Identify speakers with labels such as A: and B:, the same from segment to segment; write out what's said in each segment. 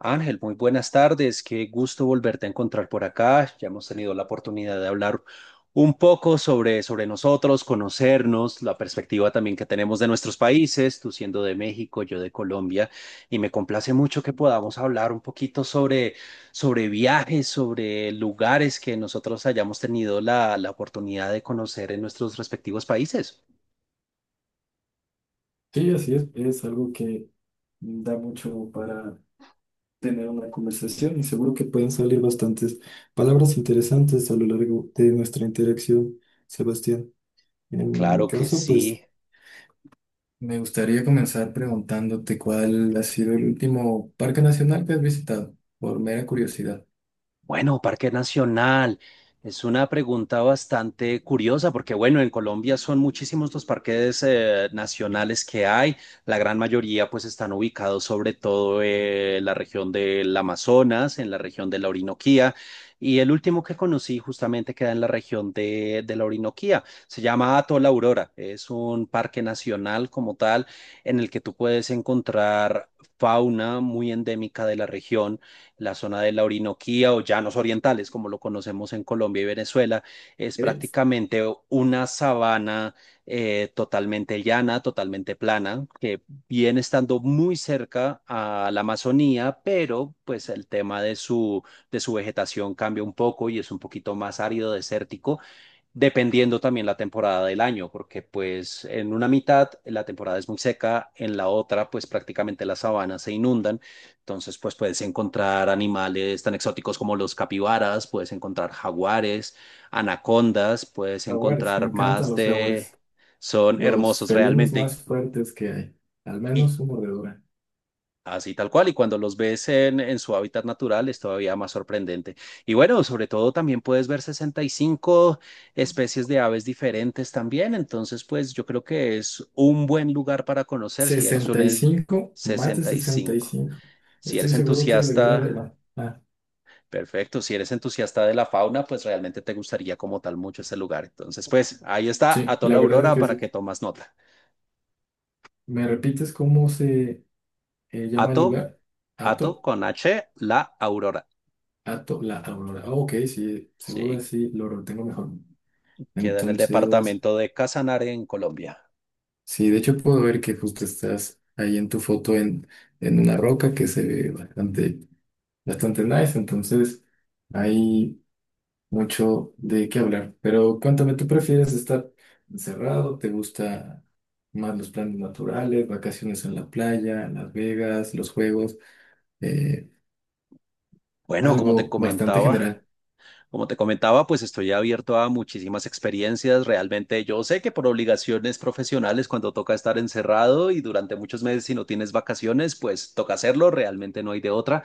A: Ángel, muy buenas tardes. Qué gusto volverte a encontrar por acá. Ya hemos tenido la oportunidad de hablar un poco sobre nosotros, conocernos, la perspectiva también que tenemos de nuestros países, tú siendo de México, yo de Colombia, y me complace mucho que podamos hablar un poquito sobre viajes, sobre lugares que nosotros hayamos tenido la oportunidad de conocer en nuestros respectivos países.
B: Sí, así es algo que da mucho para tener una conversación y seguro que pueden salir bastantes palabras interesantes a lo largo de nuestra interacción, Sebastián. En mi
A: Claro que
B: caso,
A: sí.
B: pues me gustaría comenzar preguntándote cuál ha sido el último parque nacional que has visitado, por mera curiosidad.
A: Bueno, Parque Nacional es una pregunta bastante curiosa porque, bueno, en Colombia son muchísimos los parques nacionales que hay. La gran mayoría pues están ubicados sobre todo en la región del Amazonas, en la región de la Orinoquía. Y el último que conocí justamente queda en la región de la Orinoquía. Se llama Atol Aurora. Es un parque nacional como tal en el que tú puedes encontrar fauna muy endémica de la región, la zona de la Orinoquía o llanos orientales, como lo conocemos en Colombia y Venezuela, es
B: Es
A: prácticamente una sabana totalmente llana, totalmente plana, que viene estando muy cerca a la Amazonía, pero pues el tema de su vegetación cambia un poco y es un poquito más árido, desértico, dependiendo también la temporada del año, porque pues en una mitad la temporada es muy seca, en la otra pues prácticamente las sabanas se inundan, entonces pues puedes encontrar animales tan exóticos como los capibaras, puedes encontrar jaguares, anacondas, puedes
B: Jaguares, me
A: encontrar
B: encantan
A: más
B: los
A: de...
B: jaguares,
A: Son
B: los
A: hermosos
B: felinos
A: realmente.
B: más fuertes que hay, al
A: y
B: menos su mordedura.
A: Así tal cual, y cuando los ves en, su hábitat natural es todavía más sorprendente. Y bueno, sobre todo también puedes ver 65 especies de aves diferentes también, entonces pues yo creo que es un buen lugar para conocer si eres
B: sesenta
A: un
B: y cinco más de
A: sesenta y
B: sesenta y
A: cinco
B: cinco
A: Si
B: Estoy
A: eres
B: seguro que debió de
A: entusiasta,
B: haberla. Ah,
A: perfecto, si eres entusiasta de la fauna, pues realmente te gustaría como tal mucho ese lugar. Entonces pues ahí está
B: sí,
A: Ato la
B: la verdad es
A: Aurora
B: que
A: para
B: sí.
A: que tomas nota.
B: ¿Me repites cómo se llama el
A: Ato,
B: lugar?
A: Ato
B: Ato,
A: con H, la Aurora.
B: Ato, la Aurora. Ah, ok, sí, seguro
A: Sí.
B: así lo retengo mejor.
A: Queda en el
B: Entonces,
A: departamento de Casanare, en Colombia.
B: sí, de hecho puedo ver que justo estás ahí en tu foto en una roca que se ve bastante, bastante nice. Entonces, ahí. Mucho de qué hablar. Pero cuéntame, ¿tú prefieres estar encerrado? ¿Te gusta más los planes naturales, vacaciones en la playa, Las Vegas, los juegos? Eh,
A: Bueno, como te
B: algo bastante
A: comentaba,
B: general.
A: como te comentaba, pues estoy abierto a muchísimas experiencias. Realmente yo sé que por obligaciones profesionales, cuando toca estar encerrado y durante muchos meses si no tienes vacaciones, pues toca hacerlo, realmente no hay de otra.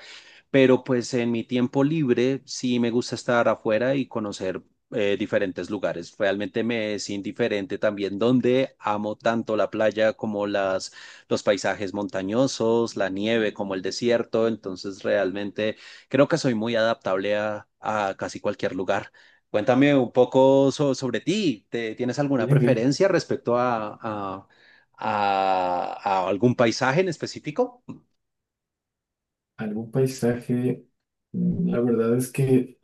A: Pero pues en mi tiempo libre sí me gusta estar afuera y conocer diferentes lugares. Realmente me es indiferente también donde amo tanto la playa como los paisajes montañosos, la nieve como el desierto, entonces realmente creo que soy muy adaptable a casi cualquier lugar. Cuéntame un poco sobre ti. ¿Tienes alguna
B: Nieve,
A: preferencia respecto a a algún paisaje en específico?
B: algún paisaje. La verdad es que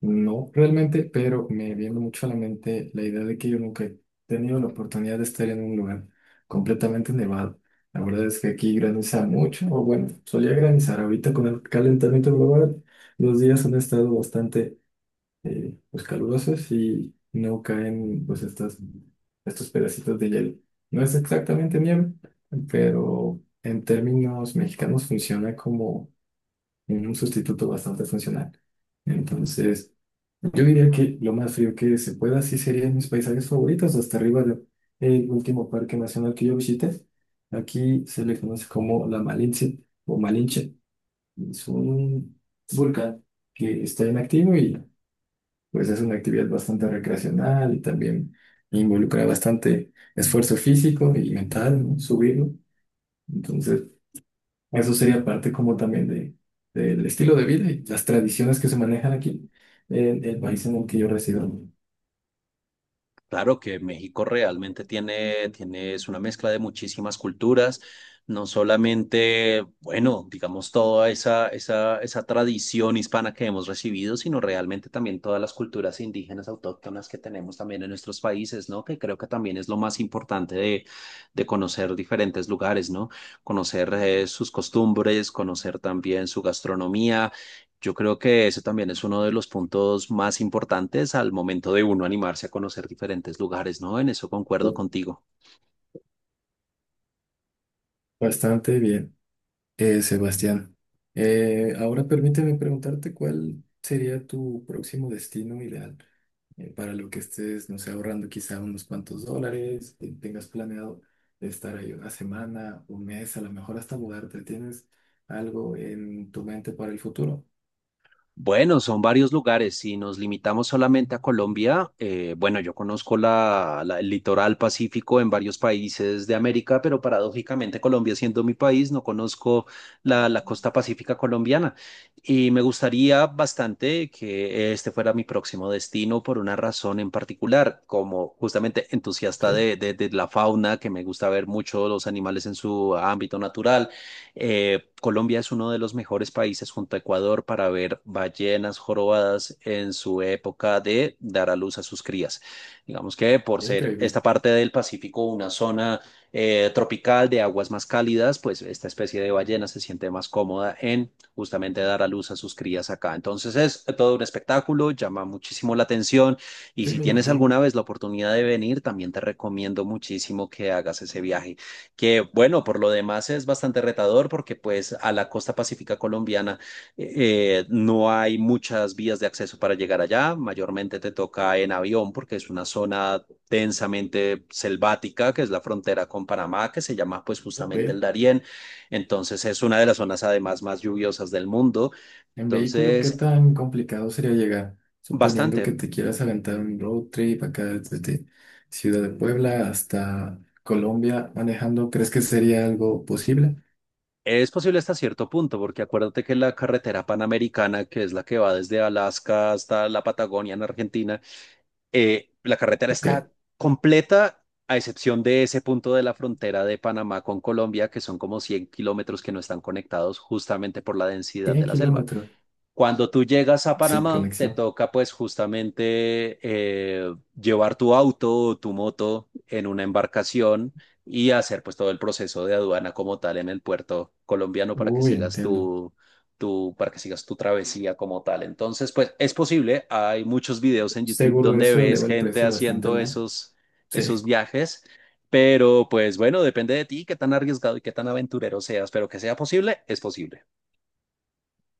B: no realmente, pero me viene mucho a la mente la idea de que yo nunca he tenido la oportunidad de estar en un lugar completamente nevado. La verdad es que aquí graniza mucho, o bueno, solía granizar. Ahorita con el calentamiento global, los días han estado bastante pues, calurosos y no caen pues estas, estos pedacitos de hielo. No es exactamente nieve, pero en términos mexicanos funciona como un sustituto bastante funcional. Entonces... Yo diría que lo más frío que se pueda, sí serían mis paisajes favoritos, hasta arriba del último parque nacional que yo visité. Aquí se le conoce como la Malinche o Malinche. Es un volcán que está inactivo y pues es una actividad bastante recreacional y también involucra bastante esfuerzo físico y mental, ¿no? Subirlo. Entonces, eso sería parte como también de, del estilo de vida y las tradiciones que se manejan aquí en el país en el que yo resido.
A: Claro que México realmente tiene, es una mezcla de muchísimas culturas, no solamente, bueno, digamos, toda esa tradición hispana que hemos recibido, sino realmente también todas las culturas indígenas autóctonas que tenemos también en nuestros países, ¿no? Que creo que también es lo más importante de conocer diferentes lugares, ¿no? Conocer sus costumbres, conocer también su gastronomía. Yo creo que eso también es uno de los puntos más importantes al momento de uno animarse a conocer diferentes lugares, ¿no? En eso concuerdo contigo.
B: Bastante bien, Sebastián. Ahora permíteme preguntarte cuál sería tu próximo destino ideal para lo que estés, no sé, ahorrando quizá unos cuantos dólares, tengas planeado estar ahí una semana, un mes, a lo mejor hasta mudarte. ¿Tienes algo en tu mente para el futuro?
A: Bueno, son varios lugares. Si nos limitamos solamente a Colombia, bueno, yo conozco el litoral pacífico en varios países de América, pero paradójicamente Colombia siendo mi país, no conozco la costa pacífica colombiana. Y me gustaría bastante que este fuera mi próximo destino por una razón en particular: como justamente entusiasta
B: Sí,
A: de la fauna, que me gusta ver mucho los animales en su ámbito natural, Colombia es uno de los mejores países junto a Ecuador para ver ballenas jorobadas en su época de dar a luz a sus crías. Digamos que por ser
B: increíble.
A: esta parte del Pacífico una zona tropical de aguas más cálidas, pues esta especie de ballena se siente más cómoda en justamente dar a luz a sus crías acá. Entonces es todo un espectáculo, llama muchísimo la atención, y
B: Sí,
A: si
B: me
A: tienes
B: imagino.
A: alguna vez la oportunidad de venir, también te recomiendo muchísimo que hagas ese viaje, que, bueno, por lo demás es bastante retador porque pues a la costa pacífica colombiana eh, no hay muchas vías de acceso para llegar allá, mayormente te toca en avión porque es una zona densamente selvática que es la frontera con Panamá que se llama pues justamente el
B: Ok.
A: Darién, entonces es una de las zonas además más lluviosas del mundo,
B: En vehículo, ¿qué
A: entonces
B: tan complicado sería llegar? Suponiendo
A: bastante.
B: que te quieras aventar un road trip acá desde Ciudad de Puebla hasta Colombia manejando, ¿crees que sería algo posible?
A: Es posible hasta cierto punto, porque acuérdate que la carretera panamericana, que es la que va desde Alaska hasta la Patagonia en Argentina, la carretera
B: Ok,
A: está completa, a excepción de ese punto de la frontera de Panamá con Colombia, que son como 100 kilómetros que no están conectados justamente por la densidad de
B: 100
A: la selva.
B: kilómetros
A: Cuando tú llegas a
B: sin
A: Panamá, te
B: conexión.
A: toca pues justamente llevar tu auto o tu moto en una embarcación y hacer pues todo el proceso de aduana como tal en el puerto colombiano para que
B: Uy,
A: sigas
B: entiendo.
A: tu travesía como tal. Entonces, pues es posible, hay muchos videos en YouTube
B: Seguro
A: donde
B: eso
A: ves
B: eleva el
A: gente
B: precio bastante
A: haciendo
B: más.
A: esos,
B: Sí,
A: esos viajes, pero pues bueno, depende de ti qué tan arriesgado y qué tan aventurero seas, pero que sea posible, es posible.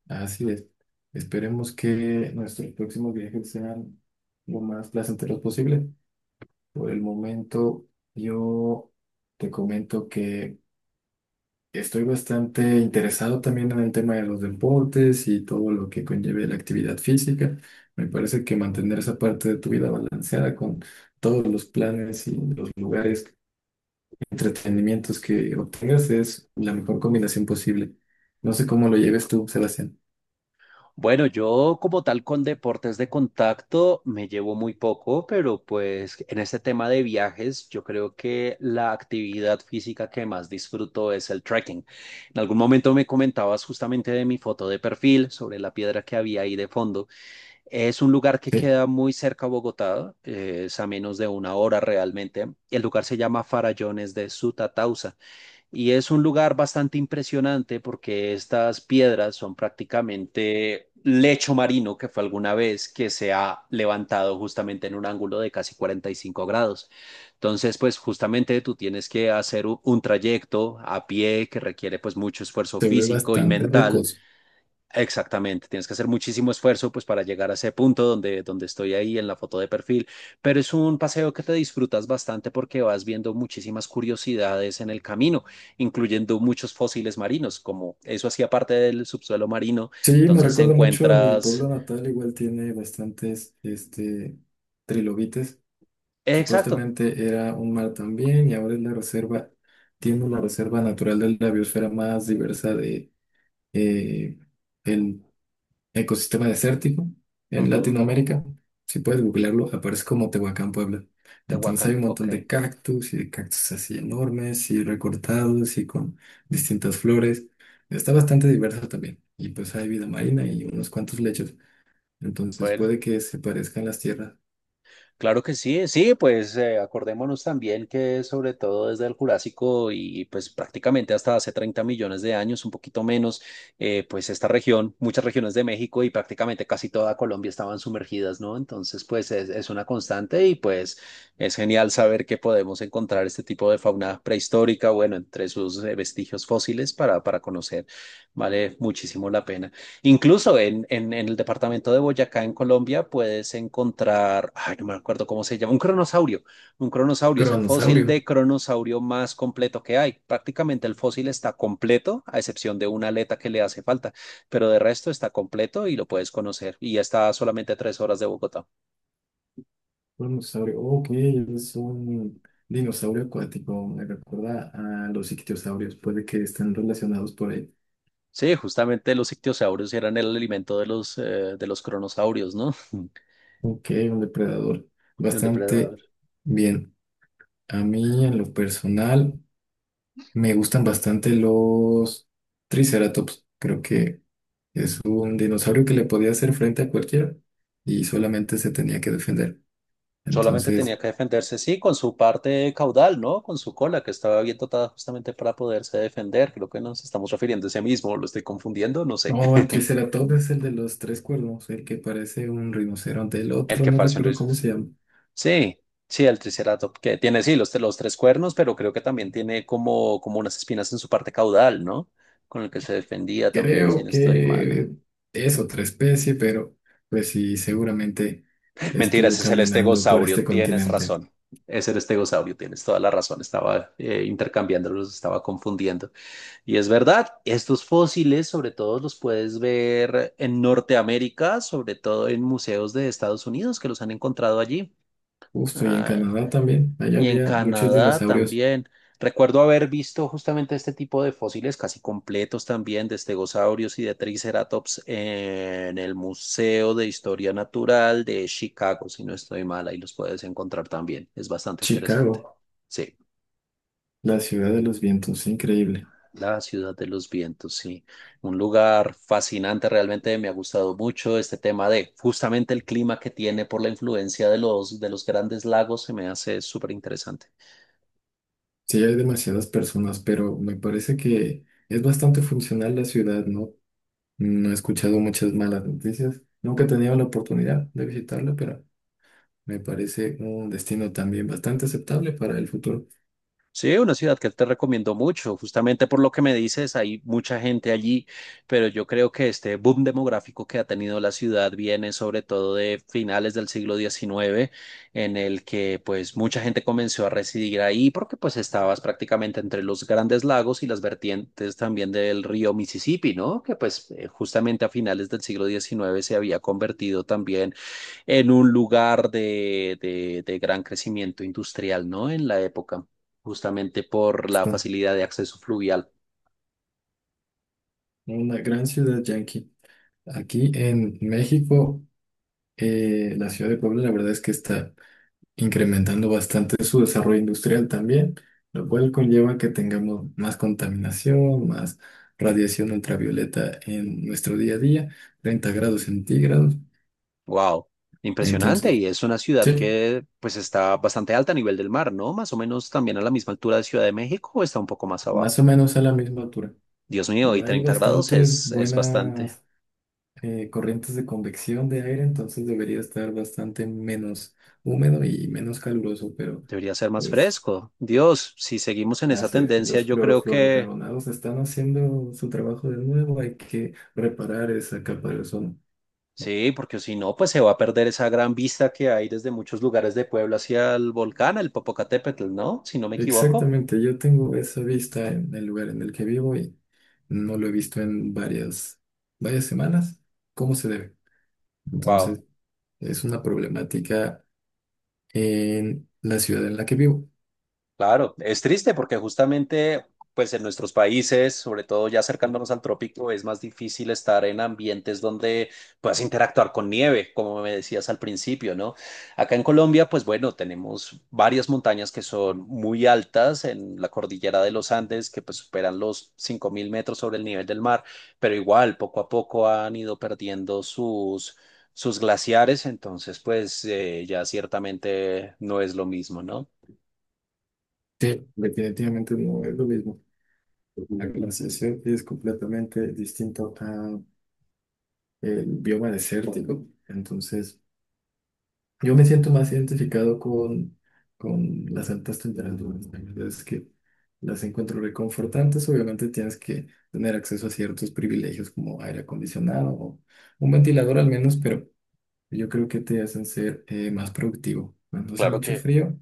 B: así es. Esperemos que nuestros próximos viajes sean lo más placenteros posible. Por el momento, yo te comento que estoy bastante interesado también en el tema de los deportes y todo lo que conlleve la actividad física. Me parece que mantener esa parte de tu vida balanceada con todos los planes y los lugares, entretenimientos que obtengas es la mejor combinación posible. No sé cómo lo lleves tú, Sebastián.
A: Bueno, yo como tal con deportes de contacto me llevo muy poco, pero pues en este tema de viajes yo creo que la actividad física que más disfruto es el trekking. En algún momento me comentabas justamente de mi foto de perfil, sobre la piedra que había ahí de fondo. Es un lugar que
B: Sí,
A: queda muy cerca a Bogotá, es a menos de una hora realmente. El lugar se llama Farallones de Sutatausa. Y es un lugar bastante impresionante porque estas piedras son prácticamente lecho marino que fue alguna vez que se ha levantado justamente en un ángulo de casi 45 grados. Entonces, pues justamente tú tienes que hacer un trayecto a pie que requiere pues mucho esfuerzo
B: se ve
A: físico y
B: bastante
A: mental.
B: rocoso.
A: Exactamente, tienes que hacer muchísimo esfuerzo pues para llegar a ese punto donde estoy ahí en la foto de perfil, pero es un paseo que te disfrutas bastante porque vas viendo muchísimas curiosidades en el camino, incluyendo muchos fósiles marinos, como eso hacía parte del subsuelo marino,
B: Sí, me
A: entonces
B: recuerda mucho a mi pueblo
A: encuentras...
B: natal, igual tiene bastantes este, trilobites.
A: Exacto,
B: Supuestamente era un mar también y ahora es la reserva, tiene la reserva natural de la biosfera más diversa de eh, el ecosistema desértico en
A: ujú,
B: Latinoamérica. Si puedes googlearlo, aparece como Tehuacán, Puebla. Entonces
A: Tehuacán,
B: hay un
A: ok,
B: montón de cactus y de cactus así enormes y recortados y con distintas flores. Está bastante diverso también. Y pues hay vida marina y unos cuantos lechos. Entonces
A: bueno.
B: puede que se parezcan las tierras.
A: Claro que sí, sí, pues acordémonos también que sobre todo desde el Jurásico y pues prácticamente hasta hace 30 millones de años, un poquito menos, pues esta región, muchas regiones de México y prácticamente casi toda Colombia estaban sumergidas, ¿no? Entonces, pues es una constante y pues es genial saber que podemos encontrar este tipo de fauna prehistórica, bueno, entre sus vestigios fósiles para conocer, vale muchísimo la pena. Incluso en el departamento de Boyacá, en Colombia, puedes encontrar, ay, no me acuerdo cómo se llama, un cronosaurio. Un cronosaurio es el fósil
B: Cronosaurio.
A: de cronosaurio más completo que hay. Prácticamente el fósil está completo, a excepción de una aleta que le hace falta, pero de resto está completo y lo puedes conocer. Y ya está a solamente 3 horas de Bogotá.
B: Un dinosaurio, ok, es un dinosaurio acuático, me recuerda a los ictiosaurios, puede que estén relacionados por ahí.
A: Sí, justamente los ictiosaurios eran el alimento de los cronosaurios, ¿no?
B: Ok, un depredador,
A: El
B: bastante
A: depredador.
B: bien. A mí, en lo personal, me gustan bastante los triceratops, creo que es un dinosaurio que le podía hacer frente a cualquiera y solamente se tenía que defender.
A: Solamente
B: Entonces,
A: tenía que defenderse, sí, con su parte caudal, ¿no? Con su cola, que estaba bien dotada justamente para poderse defender. Creo que nos estamos refiriendo a ese mismo, lo estoy confundiendo, no sé.
B: no, el triceratops es el de los tres cuernos, el que parece un rinoceronte, el
A: El
B: otro
A: que
B: no
A: pareció un
B: recuerdo cómo se
A: Triceratops.
B: llama.
A: Sí, sí, el Triceratops, que tiene, sí, los tres cuernos, pero creo que también tiene como, unas espinas en su parte caudal, ¿no? Con el que se defendía también, si
B: Creo
A: no estoy mal.
B: que es otra especie, pero pues sí, seguramente
A: Mentira,
B: estuvo
A: ese es el
B: caminando por este
A: estegosaurio, tienes
B: continente.
A: razón. Es el estegosaurio, tienes toda la razón. Estaba intercambiándolos, estaba confundiendo. Y es verdad, estos fósiles sobre todo los puedes ver en Norteamérica, sobre todo en museos de Estados Unidos que los han encontrado allí.
B: Justo y en
A: Ah,
B: Canadá también, allá
A: y en
B: había muchos
A: Canadá
B: dinosaurios.
A: también. Recuerdo haber visto justamente este tipo de fósiles casi completos también de estegosaurios y de triceratops en el Museo de Historia Natural de Chicago, si no estoy mal, ahí los puedes encontrar también. Es bastante interesante.
B: Chicago,
A: Sí.
B: la ciudad de los vientos, increíble.
A: La ciudad de los vientos, sí. Un lugar fascinante, realmente me ha gustado mucho este tema de justamente el clima que tiene por la influencia de los grandes lagos, se me hace súper interesante.
B: Sí, hay demasiadas personas, pero me parece que es bastante funcional la ciudad, ¿no? No he escuchado muchas malas noticias. Nunca he tenido la oportunidad de visitarla, pero me parece un destino también bastante aceptable para el futuro.
A: Sí, una ciudad que te recomiendo mucho, justamente por lo que me dices, hay mucha gente allí, pero yo creo que este boom demográfico que ha tenido la ciudad viene sobre todo de finales del siglo XIX, en el que pues mucha gente comenzó a residir ahí porque pues estabas prácticamente entre los grandes lagos y las vertientes también del río Mississippi, ¿no? Que pues justamente a finales del siglo diecinueve se había convertido también en un lugar de gran crecimiento industrial, ¿no? En la época, justamente por la
B: Justo,
A: facilidad de acceso fluvial.
B: una gran ciudad yanqui. Aquí en México, la ciudad de Puebla, la verdad es que está incrementando bastante su desarrollo industrial también, lo cual conlleva que tengamos más contaminación, más radiación ultravioleta en nuestro día a día, 30 °C.
A: Wow, impresionante.
B: Entonces,
A: Y es una ciudad
B: sí,
A: que pues está bastante alta a nivel del mar, ¿no? Más o menos también a la misma altura de Ciudad de México, o está un poco más
B: más
A: abajo.
B: o menos a la misma altura.
A: Dios mío, y
B: Ya hay
A: 30 grados
B: bastantes
A: es bastante.
B: buenas corrientes de convección de aire, entonces debería estar bastante menos húmedo y menos caluroso, pero...
A: Debería ser más
B: Pues
A: fresco. Dios, si seguimos en esa
B: así es,
A: tendencia,
B: los
A: yo creo que
B: clorofluorocarbonados están haciendo su trabajo de nuevo, hay que reparar esa capa de ozono.
A: sí, porque si no, pues se va a perder esa gran vista que hay desde muchos lugares de Puebla hacia el volcán, el Popocatépetl, ¿no? Si no me equivoco.
B: Exactamente, yo tengo esa vista en el lugar en el que vivo y no lo he visto en varias, varias semanas, ¿cómo se debe?
A: Wow.
B: Entonces, es una problemática en la ciudad en la que vivo.
A: Claro, es triste porque justamente, pues en nuestros países, sobre todo ya acercándonos al trópico, es más difícil estar en ambientes donde puedas interactuar con nieve, como me decías al principio, ¿no? Acá en Colombia, pues bueno, tenemos varias montañas que son muy altas en la cordillera de los Andes, que pues superan los 5.000 metros sobre el nivel del mar, pero igual, poco a poco han ido perdiendo sus... sus glaciares, entonces pues ya ciertamente no es lo mismo, ¿no?
B: Sí, definitivamente no es lo mismo. La glaciación es completamente distinto a el bioma desértico, entonces... Yo me siento más identificado con las altas temperaturas. ¿No? La verdad es que las encuentro reconfortantes. Obviamente tienes que tener acceso a ciertos privilegios como aire acondicionado o un ventilador al menos, pero yo creo que te hacen ser más productivo. Cuando hace
A: Claro que
B: mucho frío,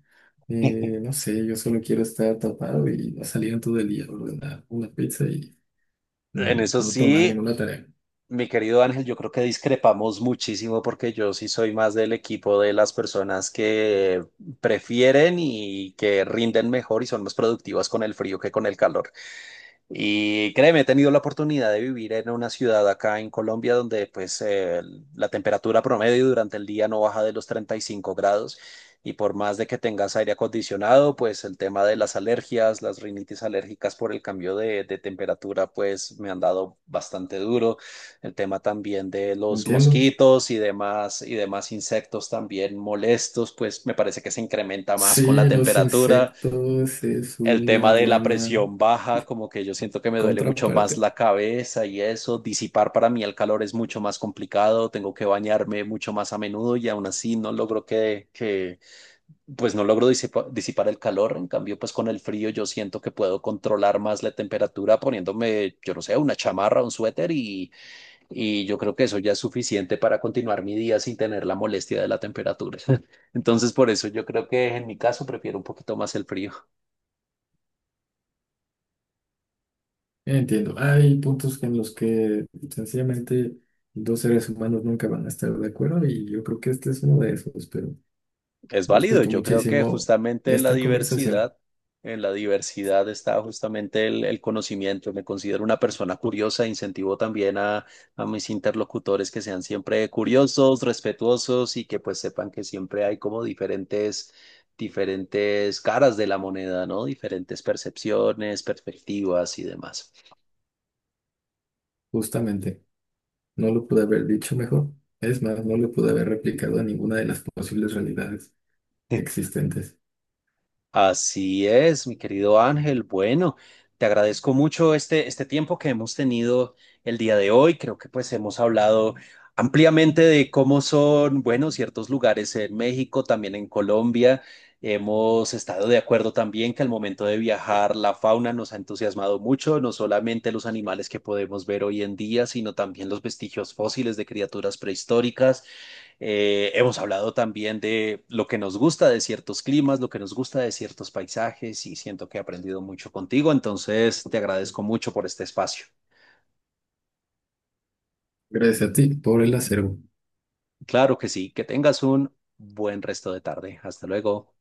B: no sé, yo solo quiero estar tapado y no salir en todo el día, ordenar una pizza y
A: en eso
B: no tomar
A: sí,
B: ninguna tarea.
A: mi querido Ángel, yo creo que discrepamos muchísimo porque yo sí soy más del equipo de las personas que prefieren y que rinden mejor y son más productivas con el frío que con el calor. Y créeme, he tenido la oportunidad de vivir en una ciudad acá en Colombia donde pues la temperatura promedio durante el día no baja de los 35 grados y por más de que tengas aire acondicionado, pues el tema de las alergias, las rinitis alérgicas por el cambio de temperatura pues me han dado bastante duro. El tema también de los
B: ¿Entiendo?
A: mosquitos y demás insectos también molestos, pues me parece que se incrementa más con la
B: Sí, los
A: temperatura.
B: insectos es
A: El tema
B: una
A: de la
B: buena
A: presión baja, como que yo siento que me duele mucho
B: contraparte.
A: más la cabeza y eso, disipar para mí el calor es mucho más complicado, tengo que bañarme mucho más a menudo y aún así no logro que pues no logro disipar el calor, en cambio pues con el frío yo siento que puedo controlar más la temperatura poniéndome, yo no sé, una chamarra, un suéter y yo creo que eso ya es suficiente para continuar mi día sin tener la molestia de la temperatura. Entonces por eso yo creo que en mi caso prefiero un poquito más el frío.
B: Entiendo, hay puntos en los que sencillamente dos seres humanos nunca van a estar de acuerdo y yo creo que este es uno de esos, pero
A: Es válido,
B: respeto
A: yo creo que
B: muchísimo
A: justamente
B: esta conversación,
A: en la diversidad está justamente el conocimiento. Me considero una persona curiosa, incentivo también a mis interlocutores que sean siempre curiosos, respetuosos y que pues sepan que siempre hay como diferentes, diferentes caras de la moneda, ¿no? Diferentes percepciones, perspectivas y demás.
B: justamente. No lo pude haber dicho mejor, es más, no lo pude haber replicado a ninguna de las posibles realidades existentes.
A: Así es, mi querido Ángel. Bueno, te agradezco mucho este tiempo que hemos tenido el día de hoy. Creo que pues hemos hablado ampliamente de cómo son, bueno, ciertos lugares en México, también en Colombia. Hemos estado de acuerdo también que al momento de viajar la fauna nos ha entusiasmado mucho, no solamente los animales que podemos ver hoy en día, sino también los vestigios fósiles de criaturas prehistóricas. Hemos hablado también de lo que nos gusta de ciertos climas, lo que nos gusta de ciertos paisajes y siento que he aprendido mucho contigo, entonces te agradezco mucho por este espacio.
B: Gracias a ti por el acervo.
A: Claro que sí, que tengas un buen resto de tarde. Hasta luego.